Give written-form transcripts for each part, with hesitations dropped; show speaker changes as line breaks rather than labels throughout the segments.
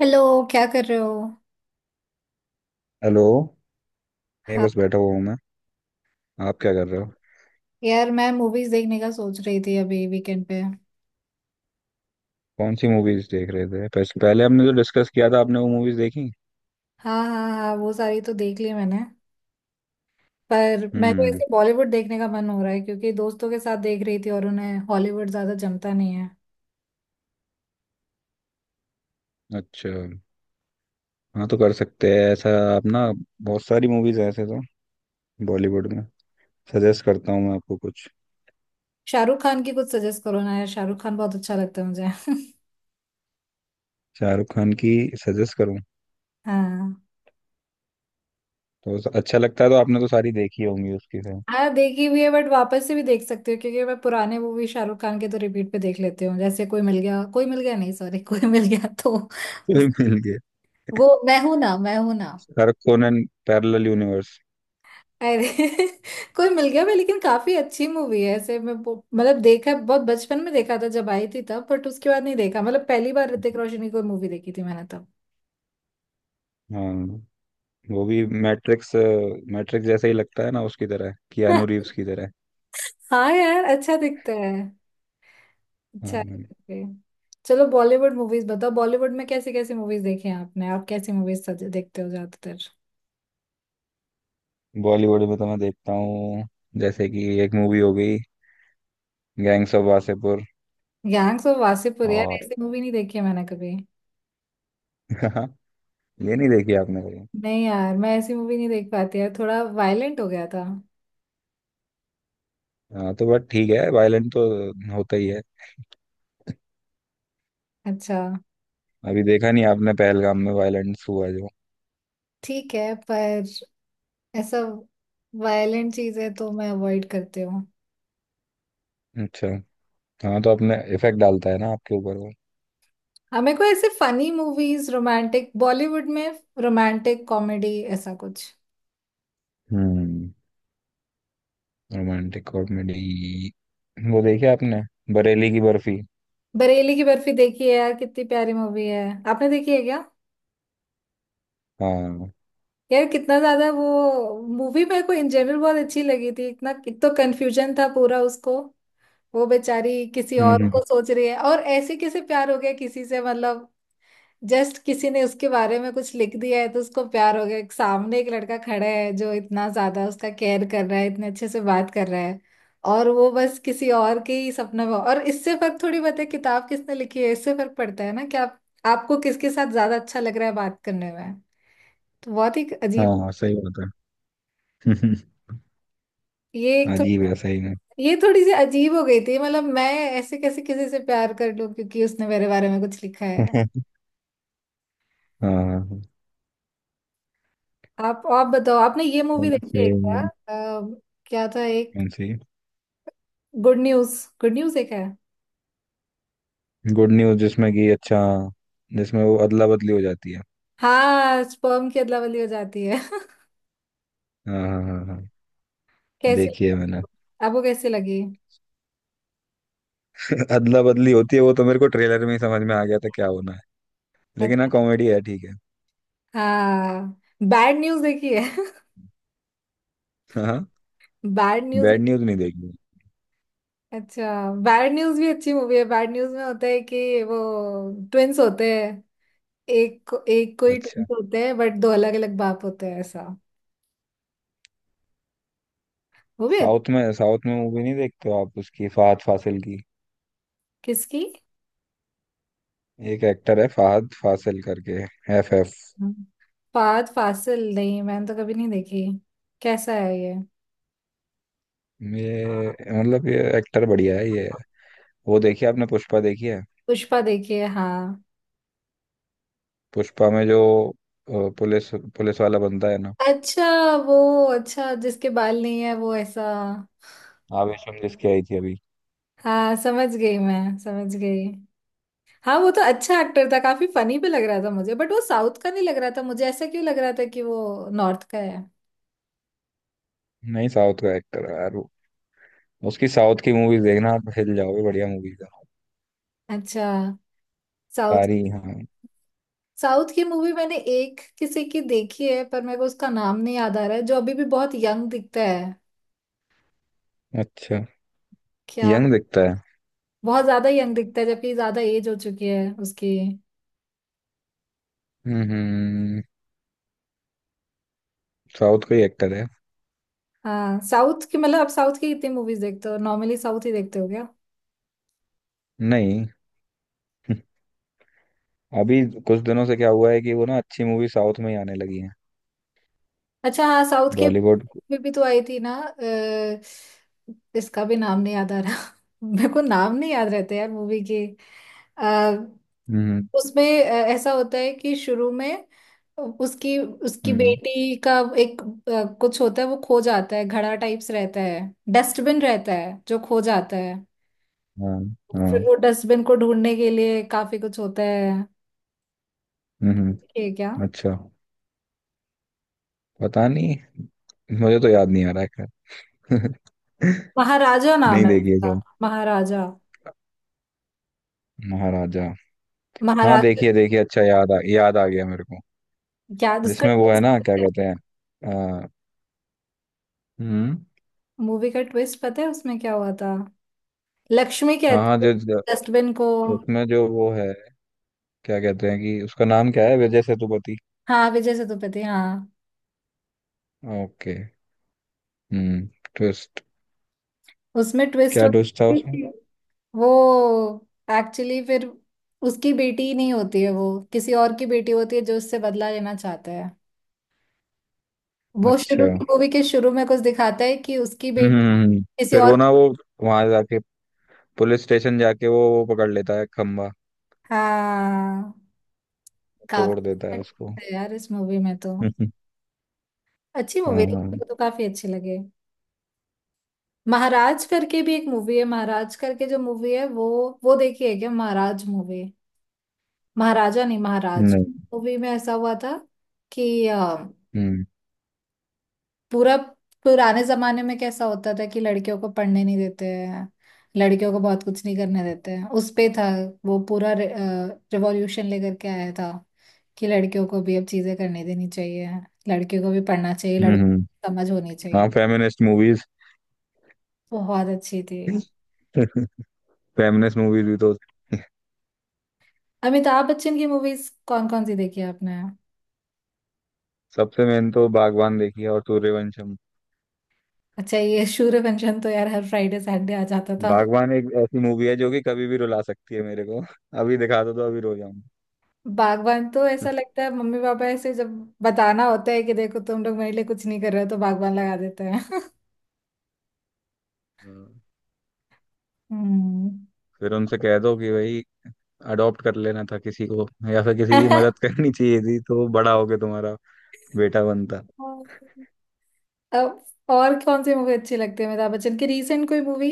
Hello. क्या कर रहे हो?
हेलो। नहीं,
हाँ,
बस बैठा हुआ हूँ मैं। आप क्या कर रहे हो?
यार मैं मूवीज देखने का सोच रही थी अभी वीकेंड पे।
कौन सी मूवीज देख रहे थे? पहले पहले हमने जो डिस्कस किया था, आपने वो मूवीज देखी?
हाँ हाँ हाँ, वो सारी तो देख ली मैंने। पर मैं तो
हम्म।
ऐसे बॉलीवुड देखने का मन हो रहा है क्योंकि दोस्तों के साथ देख रही थी और उन्हें हॉलीवुड ज्यादा जमता नहीं है।
अच्छा। हाँ, तो कर सकते हैं ऐसा। आप ना, बहुत सारी मूवीज ऐसे तो बॉलीवुड में सजेस्ट करता हूँ मैं आपको कुछ।
शाहरुख खान की कुछ सजेस्ट करो ना यार, शाहरुख खान बहुत अच्छा लगता है मुझे।
शाहरुख खान की सजेस्ट करूँ?
हाँ।
तो अच्छा लगता है, तो आपने तो सारी देखी होंगी उसकी से।
हाँ देखी हुई है बट वापस से भी देख सकती हूँ क्योंकि मैं पुराने मूवी शाहरुख खान के तो रिपीट पे देख लेती हूँ। जैसे कोई मिल गया, कोई मिल गया नहीं सॉरी कोई मिल गया तो उस,
कोई मिल गया।
वो मैं हूं ना, मैं हूं ना।
शाहरुख कोनन, पैरेलल यूनिवर्स।
अरे कोई मिल गया मैं, लेकिन काफी अच्छी मूवी है ऐसे। मैं मतलब देखा, बहुत बचपन में देखा था जब आई थी तब, बट उसके बाद नहीं देखा। मतलब पहली बार ऋतिक रोशन की कोई मूवी देखी थी मैंने तब।
हाँ, वो भी मैट्रिक्स मैट्रिक्स जैसा ही लगता है ना, उसकी तरह, कियानू रीव्स की तरह।
हाँ यार, अच्छा दिखता है। अच्छा है।
हाँ।
Okay. चलो बॉलीवुड मूवीज बताओ, बॉलीवुड में कैसी कैसी मूवीज देखी हैं आपने? आप कैसी मूवीज देखते हो ज्यादातर?
बॉलीवुड में तो मैं देखता हूँ, जैसे कि एक मूवी हो गई gangs of Wasseypur.
Gangs of Wasseypur यार,
और
ऐसी मूवी नहीं देखी है मैंने कभी।
ये नहीं देखी आपने कभी?
नहीं यार, मैं ऐसी मूवी नहीं देख पाती यार, थोड़ा वायलेंट हो गया था।
हाँ, तो बट ठीक है, वायलेंट तो होता ही है।
अच्छा।
अभी देखा नहीं आपने, पहलगाम में वायलेंस हुआ जो।
ठीक है, पर ऐसा वायलेंट चीजें तो मैं अवॉइड करती हूँ।
अच्छा। हाँ, तो अपने इफेक्ट डालता है ना आपके ऊपर वो।
हाँ, मेरे को ऐसे फनी मूवीज, रोमांटिक बॉलीवुड में, रोमांटिक कॉमेडी ऐसा कुछ।
हम्म। Romantic comedy. वो देखी आपने, बरेली की बर्फी?
बरेली की बर्फी देखी है यार, कितनी प्यारी मूवी है। आपने देखी है क्या?
हाँ। हम्म।
यार कितना ज्यादा वो मूवी मेरे को इन जनरल बहुत अच्छी लगी थी। इतना एक तो कंफ्यूजन था पूरा उसको। वो बेचारी किसी और
हम्म,
को सोच रही है, और ऐसे कैसे प्यार हो गया किसी से, मतलब जस्ट किसी ने उसके बारे में कुछ लिख दिया है तो उसको प्यार हो गया। एक सामने एक लड़का खड़ा है जो इतना ज्यादा उसका केयर कर रहा है, इतने अच्छे से बात कर रहा है, और वो बस किसी और के ही सपने में। और इससे फर्क थोड़ी पड़ता है किताब किसने लिखी है, इससे फर्क पड़ता है ना कि आप, आपको किसके साथ ज्यादा अच्छा लग रहा है बात करने में। तो बहुत ही अजीब।
हाँ सही बात है।
ये एक थो,
अजीब है, सही में।
ये थोड़ी सी अजीब हो गई थी। मतलब मैं ऐसे कैसे किसी से प्यार कर लूं क्योंकि उसने मेरे बारे में कुछ लिखा है।
हाँ हाँ।
आप बताओ, आपने ये मूवी देखी है
सही
क्या?
में।
क्या था एक,
कौन सी?
Good news. गुड न्यूज एक है।
गुड न्यूज जिसमें कि? अच्छा, जिसमें वो अदला बदली हो जाती है।
हाँ स्पर्म की अदला बदली हो जाती है।
हाँ हाँ हाँ हाँ।
कैसे?
देखी है मैंने।
आपको कैसे लगी?
अदला बदली होती है वो तो मेरे को ट्रेलर में ही समझ में आ गया था, क्या होना है। लेकिन हाँ,
अच्छा।
कॉमेडी है, ठीक है।
हाँ बैड न्यूज देखी है?
हाँ हाँ।
Bad news.
बैड न्यूज नहीं देखी।
अच्छा बैड न्यूज भी अच्छी मूवी है। बैड न्यूज में होता है कि वो ट्विंस होते हैं, एक को ही
अच्छा।
ट्विंस होते हैं बट दो अलग अलग बाप होते हैं ऐसा। वो भी अच्छ-
साउथ में, साउथ में मूवी नहीं देखते हो आप, उसकी, फहद फासिल की?
किसकी?
एक एक्टर है फहद फासिल करके, FF।
फात फासिल, नहीं मैंने तो कभी नहीं देखी। कैसा है ये?
ये मतलब ये एक्टर बढ़िया है ये। वो देखी आपने, पुष्पा देखी है?
पुष्पा देखी है हाँ।
पुष्पा में जो अ, पुलिस पुलिस वाला बनता है ना?
अच्छा वो, अच्छा जिसके बाल नहीं है वो, ऐसा?
आवेशम जिसकी आई थी अभी।
हाँ समझ गई मैं, समझ गई। हाँ, वो तो अच्छा एक्टर था, काफी फनी भी लग रहा था मुझे, बट वो साउथ का नहीं लग रहा था मुझे। ऐसा क्यों लग रहा था कि वो नॉर्थ का है?
नहीं, साउथ का एक्टर है यार वो। उसकी साउथ की मूवीज देखना, आप हिल जाओगे, बढ़िया मूवीज है
अच्छा। साउथ,
सारी। हाँ,
साउथ की मूवी मैंने एक किसी की देखी है पर मेरे को उसका नाम नहीं याद आ रहा है, जो अभी भी बहुत यंग दिखता है।
अच्छा,
क्या?
यंग दिखता है।
बहुत ज्यादा यंग दिखता है जबकि ज्यादा एज हो चुकी है उसकी।
हम्म हम्म। साउथ का ही एक्टर है।
हाँ साउथ की। मतलब आप साउथ की कितनी मूवीज देखते हो, नॉर्मली साउथ ही देखते हो?
नहीं। अभी कुछ दिनों से क्या हुआ है कि वो ना, अच्छी मूवी साउथ में ही आने लगी है।
अच्छा हाँ, साउथ के,
बॉलीवुड।
में भी तो आई थी ना इसका भी नाम नहीं याद आ रहा। मेरे को नाम नहीं याद रहते यार मूवी के। आ,
हम्म
उसमें ऐसा होता है कि शुरू में उसकी उसकी
हम्म
बेटी का एक, कुछ होता है वो खो जाता है, घड़ा टाइप्स रहता है, डस्टबिन रहता है जो खो जाता है।
हाँ
फिर
हाँ।
वो डस्टबिन को ढूंढने के लिए काफी कुछ होता है।
हम्म हम्म।
ये क्या?
अच्छा, पता नहीं, मुझे तो याद नहीं आ रहा है, खैर।
महाराजा नाम
नहीं,
है
देखिए
उसका,
शायद।
महाराजा।
महाराजा। हाँ,
महाराजा,
देखिए देखिए, अच्छा, याद आ गया मेरे को।
क्या उसका?
जिसमें वो है ना, क्या कहते हैं अ, हम्म।
मूवी का ट्विस्ट पता है उसमें क्या हुआ था? लक्ष्मी
हाँ हाँ
कहती है
जो जो-
डस्टबिन को।
उसमें जो वो है, क्या कहते हैं, कि उसका नाम क्या है, विजय सेतुपति।
हाँ विजय सेतुपति हाँ।
ओके। हम्म। ट्विस्ट।
उसमें ट्विस्ट
क्या ट्विस्ट था उसमें?
वो, एक्चुअली फिर उसकी बेटी ही नहीं होती है, वो किसी और की बेटी होती है जो उससे बदला लेना चाहता है। वो
अच्छा।
शुरू की, मूवी के शुरू में कुछ दिखाता है कि उसकी
हम्म,
बेटी
हम्म।
किसी
फिर
और।
वो वहां जाके, पुलिस स्टेशन जाके, वो पकड़ लेता है खंबा,
हाँ
तोड़
काफी।
देता है उसको।
अच्छा है यार इस मूवी में तो, अच्छी मूवी
हाँ
थी,
हाँ।
मुझे तो काफी अच्छी लगे। महाराज करके भी एक मूवी है, महाराज करके जो मूवी है वो देखी है क्या, महाराज मूवी? महाराजा नहीं, महाराज।
नहीं।
मूवी में ऐसा हुआ था कि
हम्म
पूरा पुराने जमाने में कैसा होता था कि लड़कियों को पढ़ने नहीं देते हैं, लड़कियों को बहुत कुछ नहीं करने देते हैं, उस पे था। वो पूरा रिवॉल्यूशन लेकर के आया था कि लड़कियों को भी अब चीजें करने देनी चाहिए, लड़कियों को भी पढ़ना चाहिए,
हम्म
लड़कों
हम्म।
को समझ होनी
हाँ,
चाहिए।
Feminist movies.
बहुत अच्छी थी।
फेमिनिस्ट मूवीज भी तो।
अमिताभ बच्चन की मूवीज कौन कौन सी देखी है आपने?
सबसे मेन तो बागवान देखी है, और सूर्यवंशम।
अच्छा ये सूर्यवंशम तो यार हर फ्राइडे सैटरडे आ जाता था।
बागवान एक ऐसी मूवी है जो कि कभी भी रुला सकती है मेरे को। अभी दिखा दो तो अभी रो जाऊंगा।
बागवान तो ऐसा लगता है मम्मी पापा ऐसे जब बताना होता है कि देखो तुम लोग मेरे लिए कुछ नहीं कर रहे हो, तो बागवान लगा देते हैं।
हाँ।
हम्म।
फिर उनसे कह दो कि भाई, अडॉप्ट कर लेना था किसी को, या फिर किसी की मदद करनी चाहिए थी, तो बड़ा होके तुम्हारा बेटा बनता।
अब और कौन सी मूवी अच्छी लगती है अमिताभ बच्चन की, रीसेंट कोई मूवी?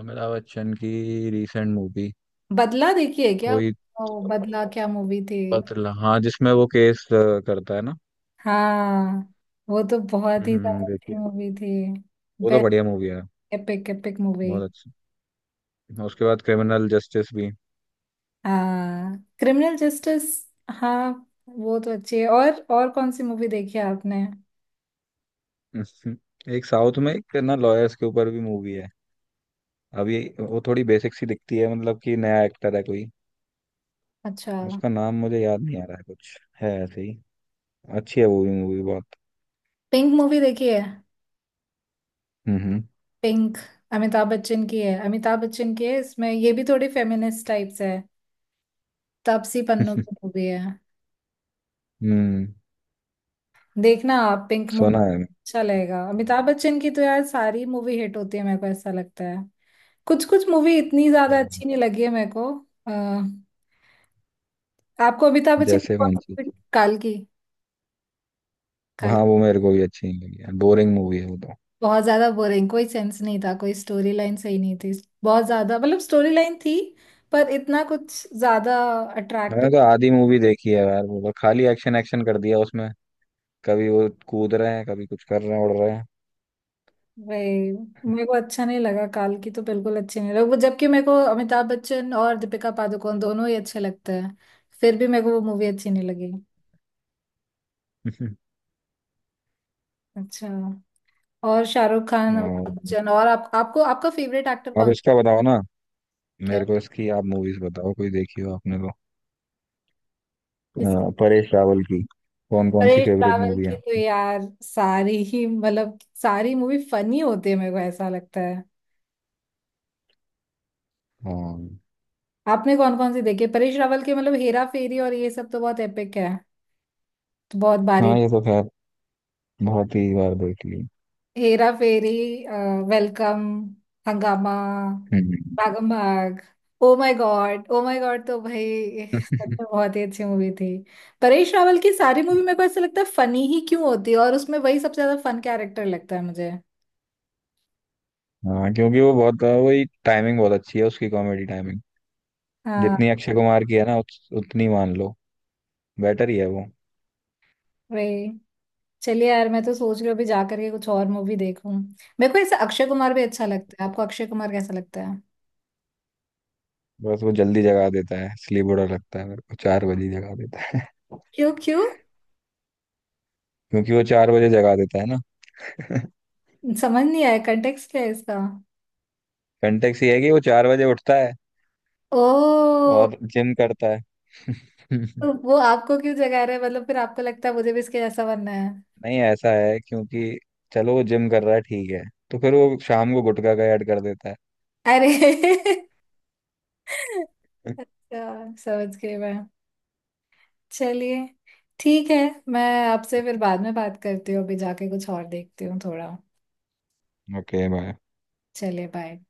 अमिताभ बच्चन की रीसेंट मूवी
बदला देखी है क्या?
कोई? तो
ओ बदला, क्या मूवी थी।
पतला, हाँ, जिसमें वो केस करता है ना।
हाँ वो तो बहुत ही
हम्म,
ज्यादा
देखिए,
अच्छी मूवी थी।
वो तो
बेस्ट,
बढ़िया मूवी है,
एपिक एपिक मूवी।
बहुत अच्छी। उसके बाद क्रिमिनल जस्टिस भी।
हाँ क्रिमिनल जस्टिस। हाँ वो तो अच्छी है। और कौन सी मूवी देखी है आपने?
एक साउथ में, एक ना लॉयर्स के ऊपर भी मूवी है। अब ये वो थोड़ी बेसिक सी दिखती है, मतलब कि नया एक्टर है कोई।
अच्छा।
उसका नाम मुझे याद नहीं आ रहा है, कुछ है ऐसे ही। अच्छी है वो भी मूवी बहुत।
पिंक मूवी देखी है?
हम्म
पिंक, अमिताभ बच्चन की है, अमिताभ बच्चन की है। इसमें ये भी थोड़ी फेमिनिस्ट टाइप्स है, तापसी पन्नू
हम्म।
की मूवी है।
हम्म,
देखना आप पिंक मूवी,
सुना है मैंने।
अच्छा लगेगा। अमिताभ बच्चन की तो यार सारी मूवी हिट होती है मेरे को ऐसा लगता है। कुछ कुछ मूवी इतनी ज्यादा
सही में।
अच्छी नहीं लगी है मेरे को। अ, आपको अमिताभ बच्चन की
जैसे
कौन
कौन
सी
सी?
मूवी? काल की? काल
हाँ, वो मेरे को भी अच्छी नहीं लगी यार, बोरिंग मूवी है वो तो।
बहुत ज्यादा बोरिंग, कोई सेंस नहीं था, कोई स्टोरी लाइन सही नहीं थी। बहुत ज्यादा, मतलब स्टोरी लाइन थी पर इतना कुछ ज्यादा
मैंने
अट्रैक्टिव,
तो आधी मूवी देखी है यार, वो तो खाली एक्शन एक्शन कर दिया उसमें, कभी वो कूद रहे हैं, कभी कुछ कर रहे हैं, उड़ रहे हैं।
वे, मेरे को अच्छा नहीं लगा। काल की तो बिल्कुल अच्छी नहीं लगा वो, जबकि मेरे को अमिताभ बच्चन और दीपिका पादुकोण दोनों ही अच्छे लगते हैं, फिर भी मेरे को वो मूवी अच्छी नहीं लगी। अच्छा। और शाहरुख खान,
और
अमिताभ बच्चन, और आप, आपको आपका फेवरेट एक्टर
आप
कौन?
इसका बताओ ना,
क्या
मेरे
है?
को इसकी आप मूवीज बताओ, कोई देखी हो आपने तो।
किस-?
परेश रावल की कौन कौन सी
अरे
फेवरेट
ट्रैवल
मूवी है
की तो
आपकी?
यार सारी ही, मतलब सारी मूवी फनी होती है मेरे को ऐसा लगता।
हाँ
आपने कौन कौन सी देखी परेश रावल के? मतलब हेरा फेरी और ये सब तो बहुत एपिक है, तो बहुत भारी।
हाँ, ये तो खैर बहुत ही बार देख ली।
हेरा फेरी, वेलकम, हंगामा,
हम्म।
Bhagam Bhag, oh my God, oh my God, तो भाई सच में बहुत ही अच्छी मूवी थी। परेश रावल की सारी मूवी मेरे को ऐसा लगता है फनी ही क्यों होती है, और उसमें वही सबसे ज्यादा फन कैरेक्टर लगता है मुझे।
हाँ, क्योंकि वो बहुत, वही टाइमिंग बहुत अच्छी है उसकी, कॉमेडी टाइमिंग,
हाँ
जितनी अक्षय कुमार की है ना, उतनी मान लो बेटर ही है वो।
वही। चलिए यार मैं तो सोच रही हूँ अभी जा करके कुछ और मूवी देखूं। मेरे को ऐसा अक्षय कुमार भी अच्छा लगता है, आपको अक्षय कुमार कैसा लगता है?
बस वो जल्दी जगा देता है, इसलिए बुरा लगता है मेरे को, 4 बजे जगा देता है।
क्यों क्यों?
क्योंकि वो 4 बजे जगा देता है ना।
समझ नहीं आया कंटेक्स्ट क्या है इसका।
कंटेक्स ये है कि वो 4 बजे उठता है,
ओ।
और जिम करता है।
तो वो आपको क्यों जगा रहे हैं? मतलब फिर आपको लगता है मुझे भी इसके जैसा बनना है?
नहीं, ऐसा है, क्योंकि चलो वो जिम कर रहा है, ठीक है, तो फिर वो शाम को गुटखा का ऐड कर देता
अरे
है।
अच्छा समझ गई मैं। चलिए, ठीक है। मैं आपसे फिर बाद में बात करती हूँ, अभी जाके कुछ और देखती हूँ थोड़ा।
Okay, bye.
चलिए बाय।